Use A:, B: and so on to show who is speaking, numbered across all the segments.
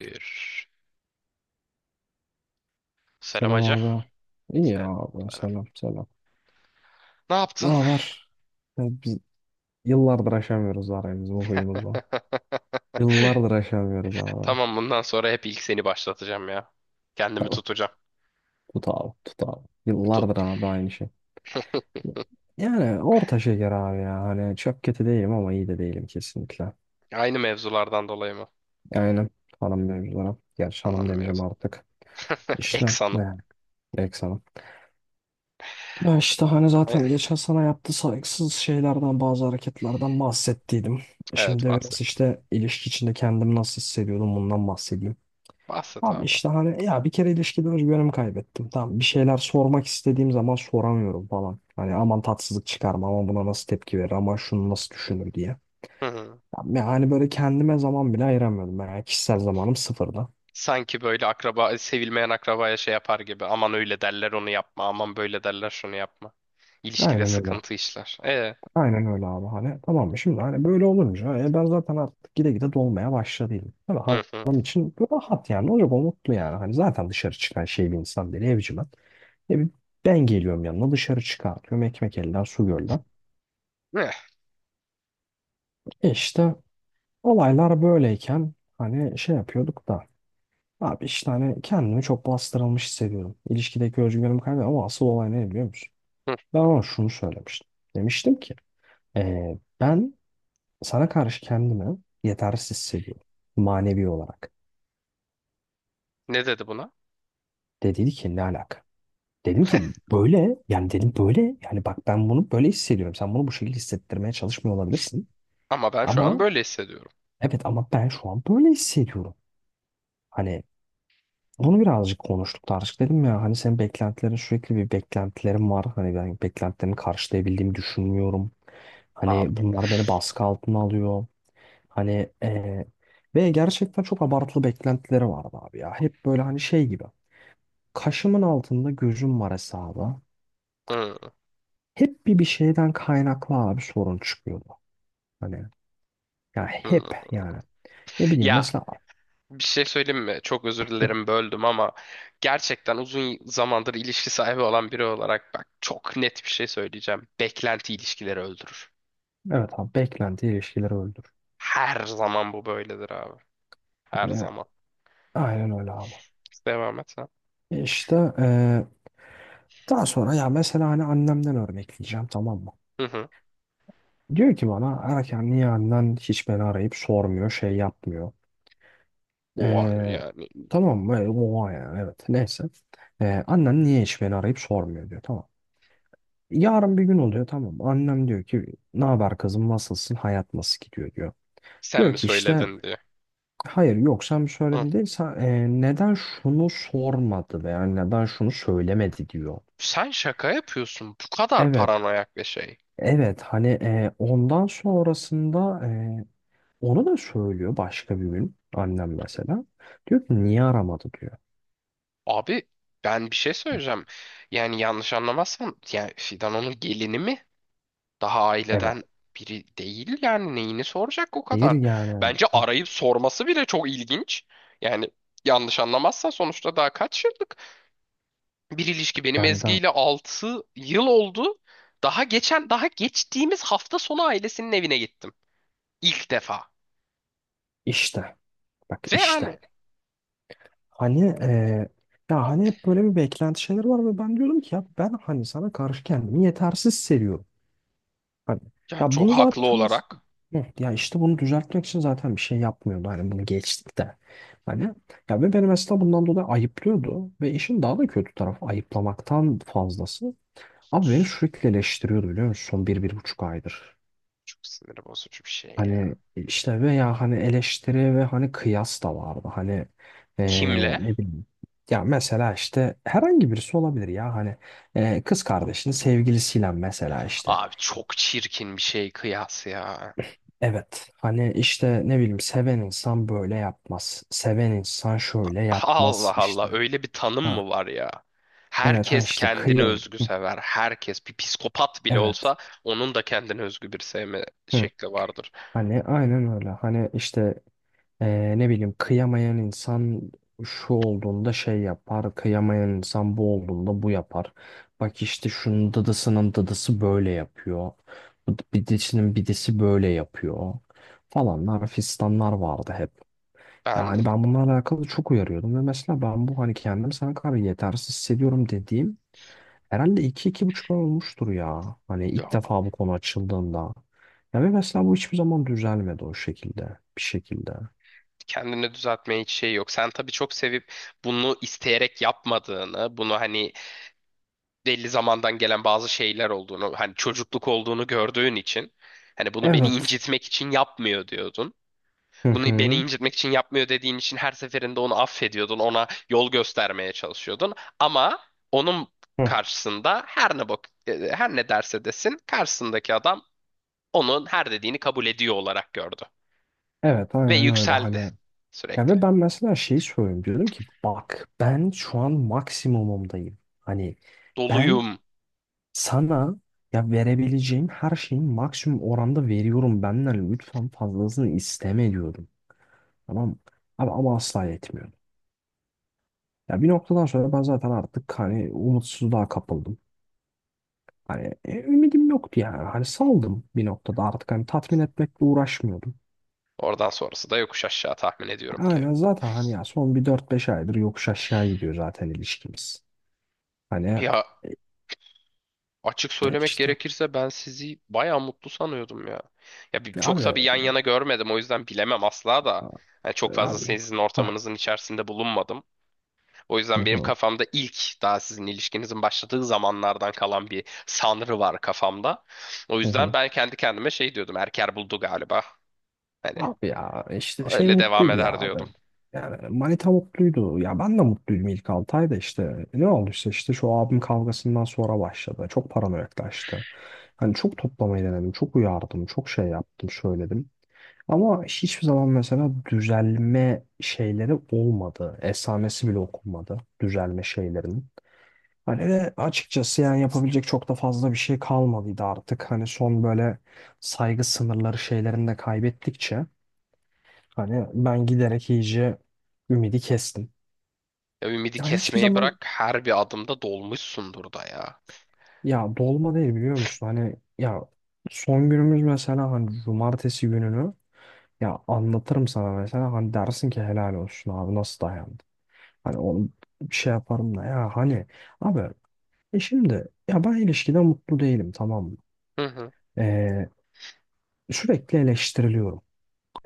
A: Bir. Selam
B: Selam
A: hacı.
B: abi. İyi ya
A: Selam.
B: abi.
A: Selam.
B: Selam selam.
A: Ne
B: Ne
A: yaptın?
B: var? Biz yıllardır aşamıyoruz aramızı bu huyumuzu. Yıllardır aşamıyoruz abi.
A: Tamam bundan sonra hep ilk seni başlatacağım ya. Kendimi
B: Tamam.
A: tutacağım.
B: Tut abi. Tut abi.
A: Tut.
B: Yıllardır abi aynı şey. Yani orta şeker abi ya. Hani çok kötü değilim ama iyi de değilim kesinlikle.
A: Aynı mevzulardan dolayı mı?
B: Aynen. Hanım mevzulara. Gerçi
A: Anlam
B: hanım demeyeceğim
A: mevzu.
B: artık. İşte
A: Eks
B: ne
A: hanım.
B: yani. Ya işte hani
A: E,
B: zaten geçen sana yaptığı saygısız şeylerden bazı hareketlerden bahsettiydim. Şimdi
A: Evet
B: de biraz
A: bahsettim.
B: işte ilişki içinde kendimi nasıl hissediyordum bundan bahsedeyim.
A: Bahset
B: Abi
A: abi.
B: işte hani ya bir kere ilişkiden özgüvenimi kaybettim. Tamam bir şeyler sormak istediğim zaman soramıyorum falan. Hani aman tatsızlık çıkarma ama buna nasıl tepki verir ama şunu nasıl düşünür diye.
A: Hı hı.
B: Yani böyle kendime zaman bile ayıramıyordum. Yani kişisel zamanım sıfırda.
A: Sanki böyle akraba, sevilmeyen akrabaya şey yapar gibi. Aman öyle derler onu yapma. Aman böyle derler şunu yapma. İlişkide
B: Aynen öyle.
A: sıkıntı işler. E.
B: Aynen öyle abi hani tamam mı şimdi hani böyle olunca ben zaten artık gide gide dolmaya başladıydım. Tabii
A: Hı hı.
B: adam için rahat yani ne olacak o mutlu yani hani zaten dışarı çıkan şey bir insan değil evci ben. Bir ben geliyorum yanına dışarı çıkartıyorum ekmek elden su gölden.
A: Eh,
B: E işte olaylar böyleyken hani şey yapıyorduk da abi işte hani kendimi çok bastırılmış hissediyorum. İlişkideki özgüvenimi kaybediyorum ama asıl olay ne biliyor musun?
A: hı.
B: Ben ona şunu söylemiştim. Demiştim ki ben sana karşı kendimi yetersiz hissediyorum. Manevi olarak.
A: Ne dedi buna?
B: Dediydi ki ne alaka? Dedim ki böyle yani dedim böyle yani bak ben bunu böyle hissediyorum. Sen bunu bu şekilde hissettirmeye çalışmıyor olabilirsin.
A: Ama ben şu an
B: Ama
A: böyle hissediyorum.
B: evet ama ben şu an böyle hissediyorum. Hani bunu birazcık konuştuk tartıştık dedim ya hani senin beklentilerin sürekli bir beklentilerim var. Hani ben beklentilerimi karşılayabildiğimi düşünmüyorum. Hani
A: Abi.
B: bunlar beni baskı altına alıyor. Hani eee, ve gerçekten çok abartılı beklentileri vardı abi ya. Hep böyle hani şey gibi. Kaşımın altında gözüm var hesabı.
A: Hı,
B: Hep bir şeyden kaynaklı abi sorun çıkıyordu. Hani ya
A: hı.
B: hep yani. Ne bileyim
A: Ya
B: mesela
A: bir şey söyleyeyim mi? Çok özür dilerim böldüm ama gerçekten uzun zamandır ilişki sahibi olan biri olarak bak çok net bir şey söyleyeceğim. Beklenti ilişkileri öldürür.
B: evet abi beklenti ilişkileri öldür.
A: Her zaman bu böyledir abi. Her
B: Hani
A: zaman.
B: aynen öyle abi.
A: Devam et sen.
B: E İşte daha sonra ya mesela hani annemden örnekleyeceğim tamam mı?
A: Hı hı.
B: Diyor ki bana erken niye annen hiç beni arayıp sormuyor şey yapmıyor.
A: Oha
B: Ee,
A: yani
B: tamam mı? Oha yani evet neyse. Annen niye hiç beni arayıp sormuyor diyor tamam. Yarın bir gün oluyor tamam mı? Annem diyor ki ne haber kızım nasılsın hayat nasıl gidiyor diyor.
A: sen
B: Diyor
A: mi
B: ki işte
A: söyledin diye.
B: hayır yok sen bir
A: Hı.
B: söyledin değil sen, neden şunu sormadı veya neden şunu söylemedi diyor.
A: Sen şaka yapıyorsun. Bu kadar
B: Evet.
A: paranoyak bir şey.
B: Evet hani ondan sonrasında onu da söylüyor başka bir gün annem mesela. Diyor ki niye aramadı diyor.
A: Abi ben bir şey söyleyeceğim. Yani yanlış anlamazsan yani Fidan onun gelini mi? Daha
B: Evet.
A: aileden biri değil yani neyini soracak o
B: Hayır
A: kadar.
B: yani.
A: Bence
B: Ha,
A: arayıp sorması bile çok ilginç. Yani yanlış anlamazsan sonuçta daha kaç yıllık bir ilişki benim
B: yani
A: Ezgi
B: da
A: ile 6 yıl oldu. Daha geçtiğimiz hafta sonu ailesinin evine gittim. İlk defa.
B: işte. Bak
A: Ve
B: işte.
A: yani
B: Hani ya hani hep böyle bir beklenti şeyler var ve ben diyordum ki ya ben hani sana karşı kendimi yetersiz seviyorum. Hani ya
A: çok
B: bunu
A: haklı
B: zaten mes-
A: olarak
B: hı, ya işte bunu düzeltmek için zaten bir şey yapmıyordu. Hani bunu geçtik de. Hani ya ve beni mesela bundan dolayı ayıplıyordu ve işin daha da kötü tarafı ayıplamaktan fazlası. Abi beni sürekli eleştiriyordu biliyor musun? Son bir, bir buçuk aydır.
A: çok sinir bozucu bir şey ya.
B: Hani işte veya hani eleştiri ve hani kıyas da vardı. Hani
A: Kimle?
B: ne bileyim. Ya mesela işte herhangi birisi olabilir ya hani kız kardeşinin sevgilisiyle mesela işte.
A: Abi çok çirkin bir şey kıyas ya.
B: Evet hani işte ne bileyim seven insan böyle yapmaz. Seven insan şöyle yapmaz
A: Allah Allah
B: işte.
A: öyle bir tanım
B: Ha,
A: mı var ya?
B: evet hani
A: Herkes
B: işte
A: kendine
B: kıyam.
A: özgü
B: Hı,
A: sever. Herkes bir psikopat bile
B: evet.
A: olsa onun da kendine özgü bir sevme
B: Hı.
A: şekli vardır.
B: Hani aynen öyle. Hani işte ne bileyim kıyamayan insan şu olduğunda şey yapar, kıyamayan insan bu olduğunda bu yapar. Bak işte şunun dıdısının dıdısı böyle yapıyor. Bu bidisinin bidisi böyle yapıyor. Falanlar fistanlar vardı hep.
A: Ben
B: Yani ben bunlarla alakalı çok uyarıyordum ve mesela ben bu hani kendimi sana kadar yetersiz hissediyorum dediğim herhalde iki 25 ay olmuştur ya. Hani ilk
A: ya,
B: defa bu konu açıldığında. Ya ve mesela bu hiçbir zaman düzelmedi o şekilde, bir şekilde.
A: kendini düzeltmeye hiç şey yok. Sen tabii çok sevip bunu isteyerek yapmadığını, bunu hani belli zamandan gelen bazı şeyler olduğunu, hani çocukluk olduğunu gördüğün için hani bunu beni
B: Evet.
A: incitmek için yapmıyor diyordun.
B: Hı
A: Bunu beni
B: hı.
A: incitmek için yapmıyor dediğin için her seferinde onu affediyordun, ona yol göstermeye çalışıyordun. Ama onun
B: Hı.
A: karşısında her ne bak her ne derse desin karşısındaki adam onun her dediğini kabul ediyor olarak gördü
B: Evet
A: ve
B: aynen öyle hani.
A: yükseldi
B: Ya
A: sürekli.
B: ve ben mesela şeyi söylüyorum diyorum ki bak ben şu an maksimumumdayım. Hani ben
A: Doluyum.
B: sana ya verebileceğim her şeyin maksimum oranda veriyorum benden lütfen fazlasını isteme diyorum. Tamam mı? Ama asla yetmiyor. Ya bir noktadan sonra ben zaten artık hani umutsuzluğa kapıldım. Hani ümidim yoktu yani. Hani saldım bir noktada artık hani tatmin etmekle uğraşmıyordum.
A: Oradan sonrası da yokuş aşağı tahmin ediyorum ki.
B: Aynen zaten hani ya son bir dört beş aydır yokuş aşağı gidiyor zaten ilişkimiz. Hani
A: Ya açık
B: e,
A: söylemek
B: işte
A: gerekirse ben sizi bayağı mutlu sanıyordum ya. Ya
B: ya
A: çok
B: abi
A: tabii
B: e,
A: yan
B: e,
A: yana görmedim o yüzden bilemem asla da. Yani çok fazla
B: abi
A: sizin
B: Hah,
A: ortamınızın içerisinde bulunmadım. O
B: hı
A: yüzden benim
B: hı,
A: kafamda ilk daha sizin ilişkinizin başladığı zamanlardan kalan bir sanrı var kafamda. O
B: hı
A: yüzden
B: hı.
A: ben kendi kendime şey diyordum. Erker buldu galiba. Hani
B: Abi ya işte şey
A: öyle devam
B: mutluydu ya
A: eder
B: abi.
A: diyordum.
B: Yani manita mutluydu. Ya ben de mutluydum ilk 6 ayda işte. Ne olduysa işte şu abim kavgasından sonra başladı. Çok paranoyaklaştı. Hani çok toplamayı denedim. Çok uyardım. Çok şey yaptım. Söyledim. Ama hiçbir zaman mesela düzelme şeyleri olmadı. Esamesi bile okunmadı düzelme şeylerinin. Hani ve açıkçası yani yapabilecek çok da fazla bir şey kalmadıydı artık. Hani son böyle saygı sınırları şeylerini de kaybettikçe hani ben giderek iyice ümidi kestim.
A: Ya ümidi
B: Ya hiçbir
A: kesmeyi bırak
B: zaman
A: her bir adımda dolmuşsundur da ya.
B: ya dolma değil biliyor musun? Hani ya son günümüz mesela hani cumartesi gününü ya anlatırım sana mesela hani dersin ki helal olsun abi nasıl dayandı? Hani onu bir şey yaparım da ya hani abi şimdi ya ben ilişkide mutlu değilim tamam mı?
A: Hı hı.
B: Ee, sürekli eleştiriliyorum.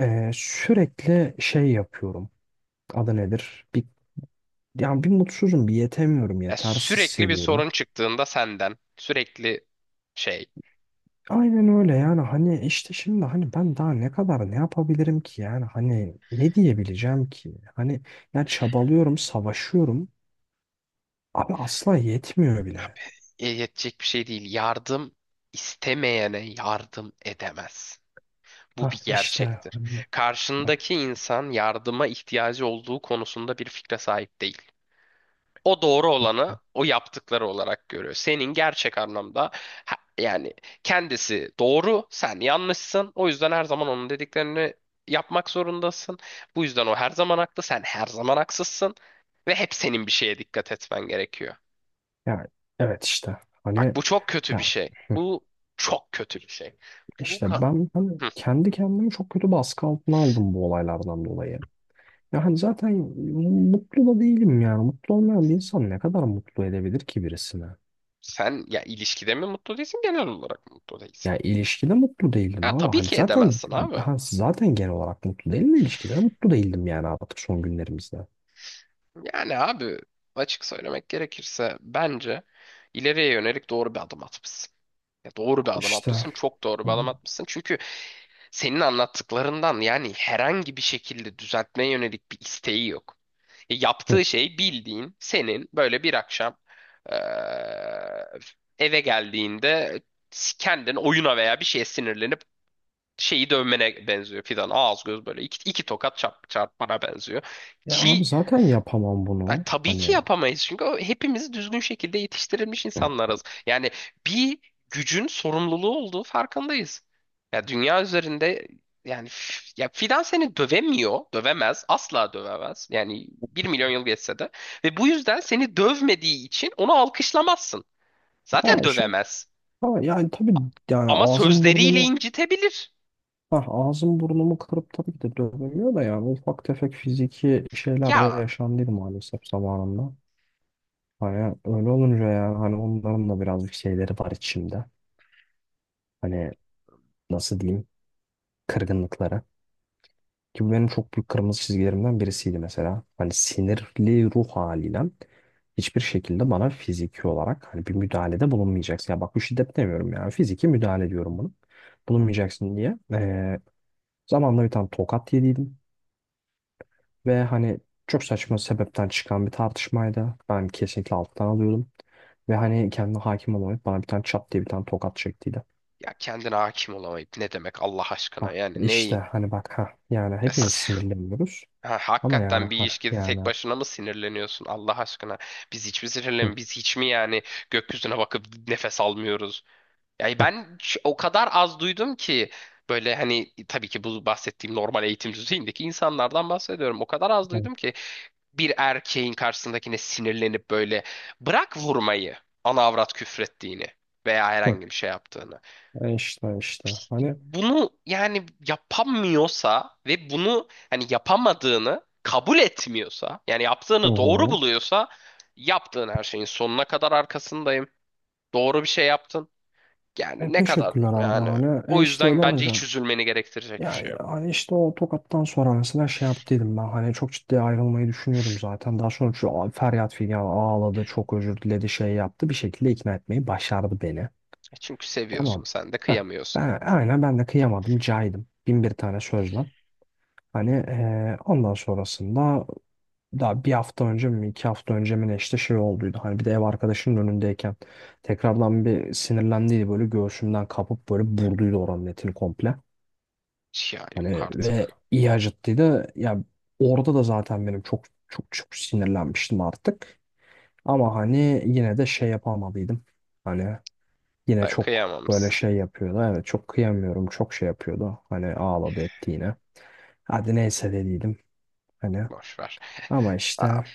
B: Sürekli şey yapıyorum. Adı nedir? Bir, yani bir mutsuzum, bir yetemiyorum,
A: Ya
B: yetersiz
A: sürekli bir
B: seviyorum.
A: sorun çıktığında senden sürekli şey
B: Aynen öyle yani hani işte şimdi hani ben daha ne kadar ne yapabilirim ki yani hani ne diyebileceğim ki? Hani ya çabalıyorum, savaşıyorum. Abi asla yetmiyor bile.
A: yetecek bir şey değil. Yardım istemeyene yardım edemez. Bu
B: Hah
A: bir
B: işte
A: gerçektir.
B: hani
A: Karşındaki insan yardıma ihtiyacı olduğu konusunda bir fikre sahip değil. O doğru olanı o yaptıkları olarak görüyor. Senin gerçek anlamda yani kendisi doğru, sen yanlışsın. O yüzden her zaman onun dediklerini yapmak zorundasın. Bu yüzden o her zaman haklı, sen her zaman haksızsın ve hep senin bir şeye dikkat etmen gerekiyor.
B: ya evet işte
A: Bak
B: hani
A: bu çok kötü bir
B: ya
A: şey.
B: hı,
A: Bu çok kötü bir şey. Bu
B: işte
A: kan.
B: ben hani kendi kendimi çok kötü baskı altına aldım bu olaylardan dolayı. Ya hani zaten mutlu da değilim yani. Mutlu olmayan bir insan ne kadar mutlu edebilir ki birisini?
A: Sen ya ilişkide mi mutlu değilsin genel olarak mı mutlu değilsin?
B: Ya ilişkide mutlu değildim
A: Ya
B: ama
A: tabii
B: hani
A: ki
B: zaten
A: edemezsin abi.
B: ha, zaten genel olarak mutlu değilim de ilişkide de mutlu değildim yani artık son günlerimizde.
A: Yani abi açık söylemek gerekirse bence ileriye yönelik doğru bir adım atmışsın. Ya doğru bir adım
B: İşte
A: atmışsın, çok doğru
B: hı.
A: bir adım atmışsın. Çünkü senin anlattıklarından yani herhangi bir şekilde düzeltmeye yönelik bir isteği yok. Yaptığı şey bildiğin senin böyle bir akşam eee, eve geldiğinde kendin oyuna veya bir şeye sinirlenip şeyi dövmene benziyor Fidan. Ağız göz böyle iki, iki tokat çarpmana benziyor.
B: Ya abi
A: Ki
B: zaten yapamam bunu.
A: tabii ki
B: Hani
A: yapamayız. Çünkü o, hepimiz düzgün şekilde yetiştirilmiş insanlarız. Yani bir gücün sorumluluğu olduğu farkındayız. Ya dünya üzerinde yani ya Fidan seni dövemiyor, dövemez, asla dövemez. Yani 1.000.000 yıl geçse de ve bu yüzden seni dövmediği için onu alkışlamazsın.
B: ya
A: Zaten
B: şu
A: dövemez.
B: ha, yani tabii yani
A: Ama
B: ağzım
A: sözleriyle
B: burnumu
A: incitebilir.
B: Ha, ağzım burnumu kırıp tabii ki de dövemiyor da yani ufak tefek fiziki şeyler de
A: Ya
B: yaşandıydı maalesef zamanında. Hani öyle olunca yani hani onların da birazcık şeyleri var içimde. Hani nasıl diyeyim kırgınlıkları. Ki bu benim çok büyük kırmızı çizgilerimden birisiydi mesela. Hani sinirli ruh haliyle hiçbir şekilde bana fiziki olarak hani bir müdahalede bulunmayacaksın. Ya bak bu şiddet demiyorum yani fiziki müdahale diyorum bunu. Bulunmayacaksın diye. Zamanla bir tane tokat yediydim. Ve hani çok saçma sebepten çıkan bir tartışmaydı. Ben kesinlikle alttan alıyordum. Ve hani kendine hakim olamayıp bana bir tane çat diye bir tane tokat çektiydi.
A: Ya kendine hakim olamayıp ne demek Allah aşkına
B: Ha,
A: yani
B: işte
A: neyi?
B: hani bak ha yani hepimiz
A: Es-
B: sinirleniyoruz.
A: Ha,
B: Ama yani
A: hakikaten bir
B: ha
A: ilişkide
B: yani
A: tek başına mı sinirleniyorsun Allah aşkına?
B: hı,
A: Biz hiç mi yani gökyüzüne bakıp nefes almıyoruz? Yani
B: hı,
A: ben o kadar az duydum ki böyle hani tabii ki bu bahsettiğim normal eğitim düzeyindeki insanlardan bahsediyorum. O kadar az
B: hı,
A: duydum ki bir erkeğin karşısındakine sinirlenip böyle bırak vurmayı ana avrat küfrettiğini veya
B: hı.
A: herhangi bir şey yaptığını.
B: E işte işte hani
A: Bunu yani yapamıyorsa ve bunu hani yapamadığını kabul etmiyorsa yani
B: hı
A: yaptığını doğru
B: hı.
A: buluyorsa yaptığın her şeyin sonuna kadar arkasındayım. Doğru bir şey yaptın.
B: E
A: Yani ne kadar
B: teşekkürler abi
A: yani
B: hani e
A: o
B: işte öyle
A: yüzden bence hiç
B: olunca
A: üzülmeni gerektirecek bir şey
B: yani
A: yok.
B: hani işte o tokattan sonra mesela şey yaptıydım ben hani çok ciddi ayrılmayı düşünüyordum zaten. Daha sonra feryat figan ağladı çok özür diledi şey yaptı bir şekilde ikna etmeyi başardı beni.
A: E çünkü
B: Tamam
A: seviyorsun
B: mı?
A: sen de
B: Heh,
A: kıyamıyorsun.
B: ben, aynen ben de kıyamadım caydım bin bir tane sözle. Hani ondan sonrasında daha bir hafta önce mi iki hafta önce mi ne işte şey olduydu. Hani bir de ev arkadaşının önündeyken tekrardan bir sinirlendiydi böyle göğsümden kapıp böyle burduydu oranın etini komple.
A: Ya yok
B: Hani ve
A: artık.
B: iyi acıttıydı. Ya orada da zaten benim çok çok çok sinirlenmiştim artık. Ama hani yine de şey yapamadıydım. Hani yine
A: Ha,
B: çok böyle
A: kıyamamışsın.
B: şey yapıyordu. Evet çok kıyamıyorum. Çok şey yapıyordu. Hani ağladı etti yine. Hadi neyse dediydim. Hani
A: Boş ver.
B: ama
A: Aa,
B: işte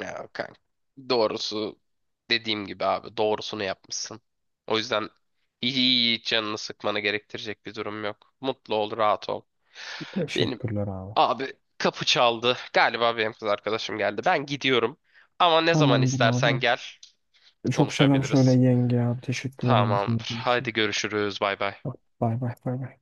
A: ya kanka. Doğrusu dediğim gibi abi doğrusunu yapmışsın. O yüzden iyi iyi hiç canını sıkmanı gerektirecek bir durum yok. Mutlu ol, rahat ol. Benim
B: teşekkürler abi.
A: abi kapı çaldı. Galiba benim kız arkadaşım geldi. Ben gidiyorum. Ama ne zaman
B: Tamamdır
A: istersen
B: abi.
A: gel
B: Çok selam tamam söyle
A: konuşabiliriz.
B: yenge abi. Teşekkür ederim
A: Tamamdır.
B: dinlediğin için.
A: Haydi görüşürüz. Bay bay.
B: Bay bay bay.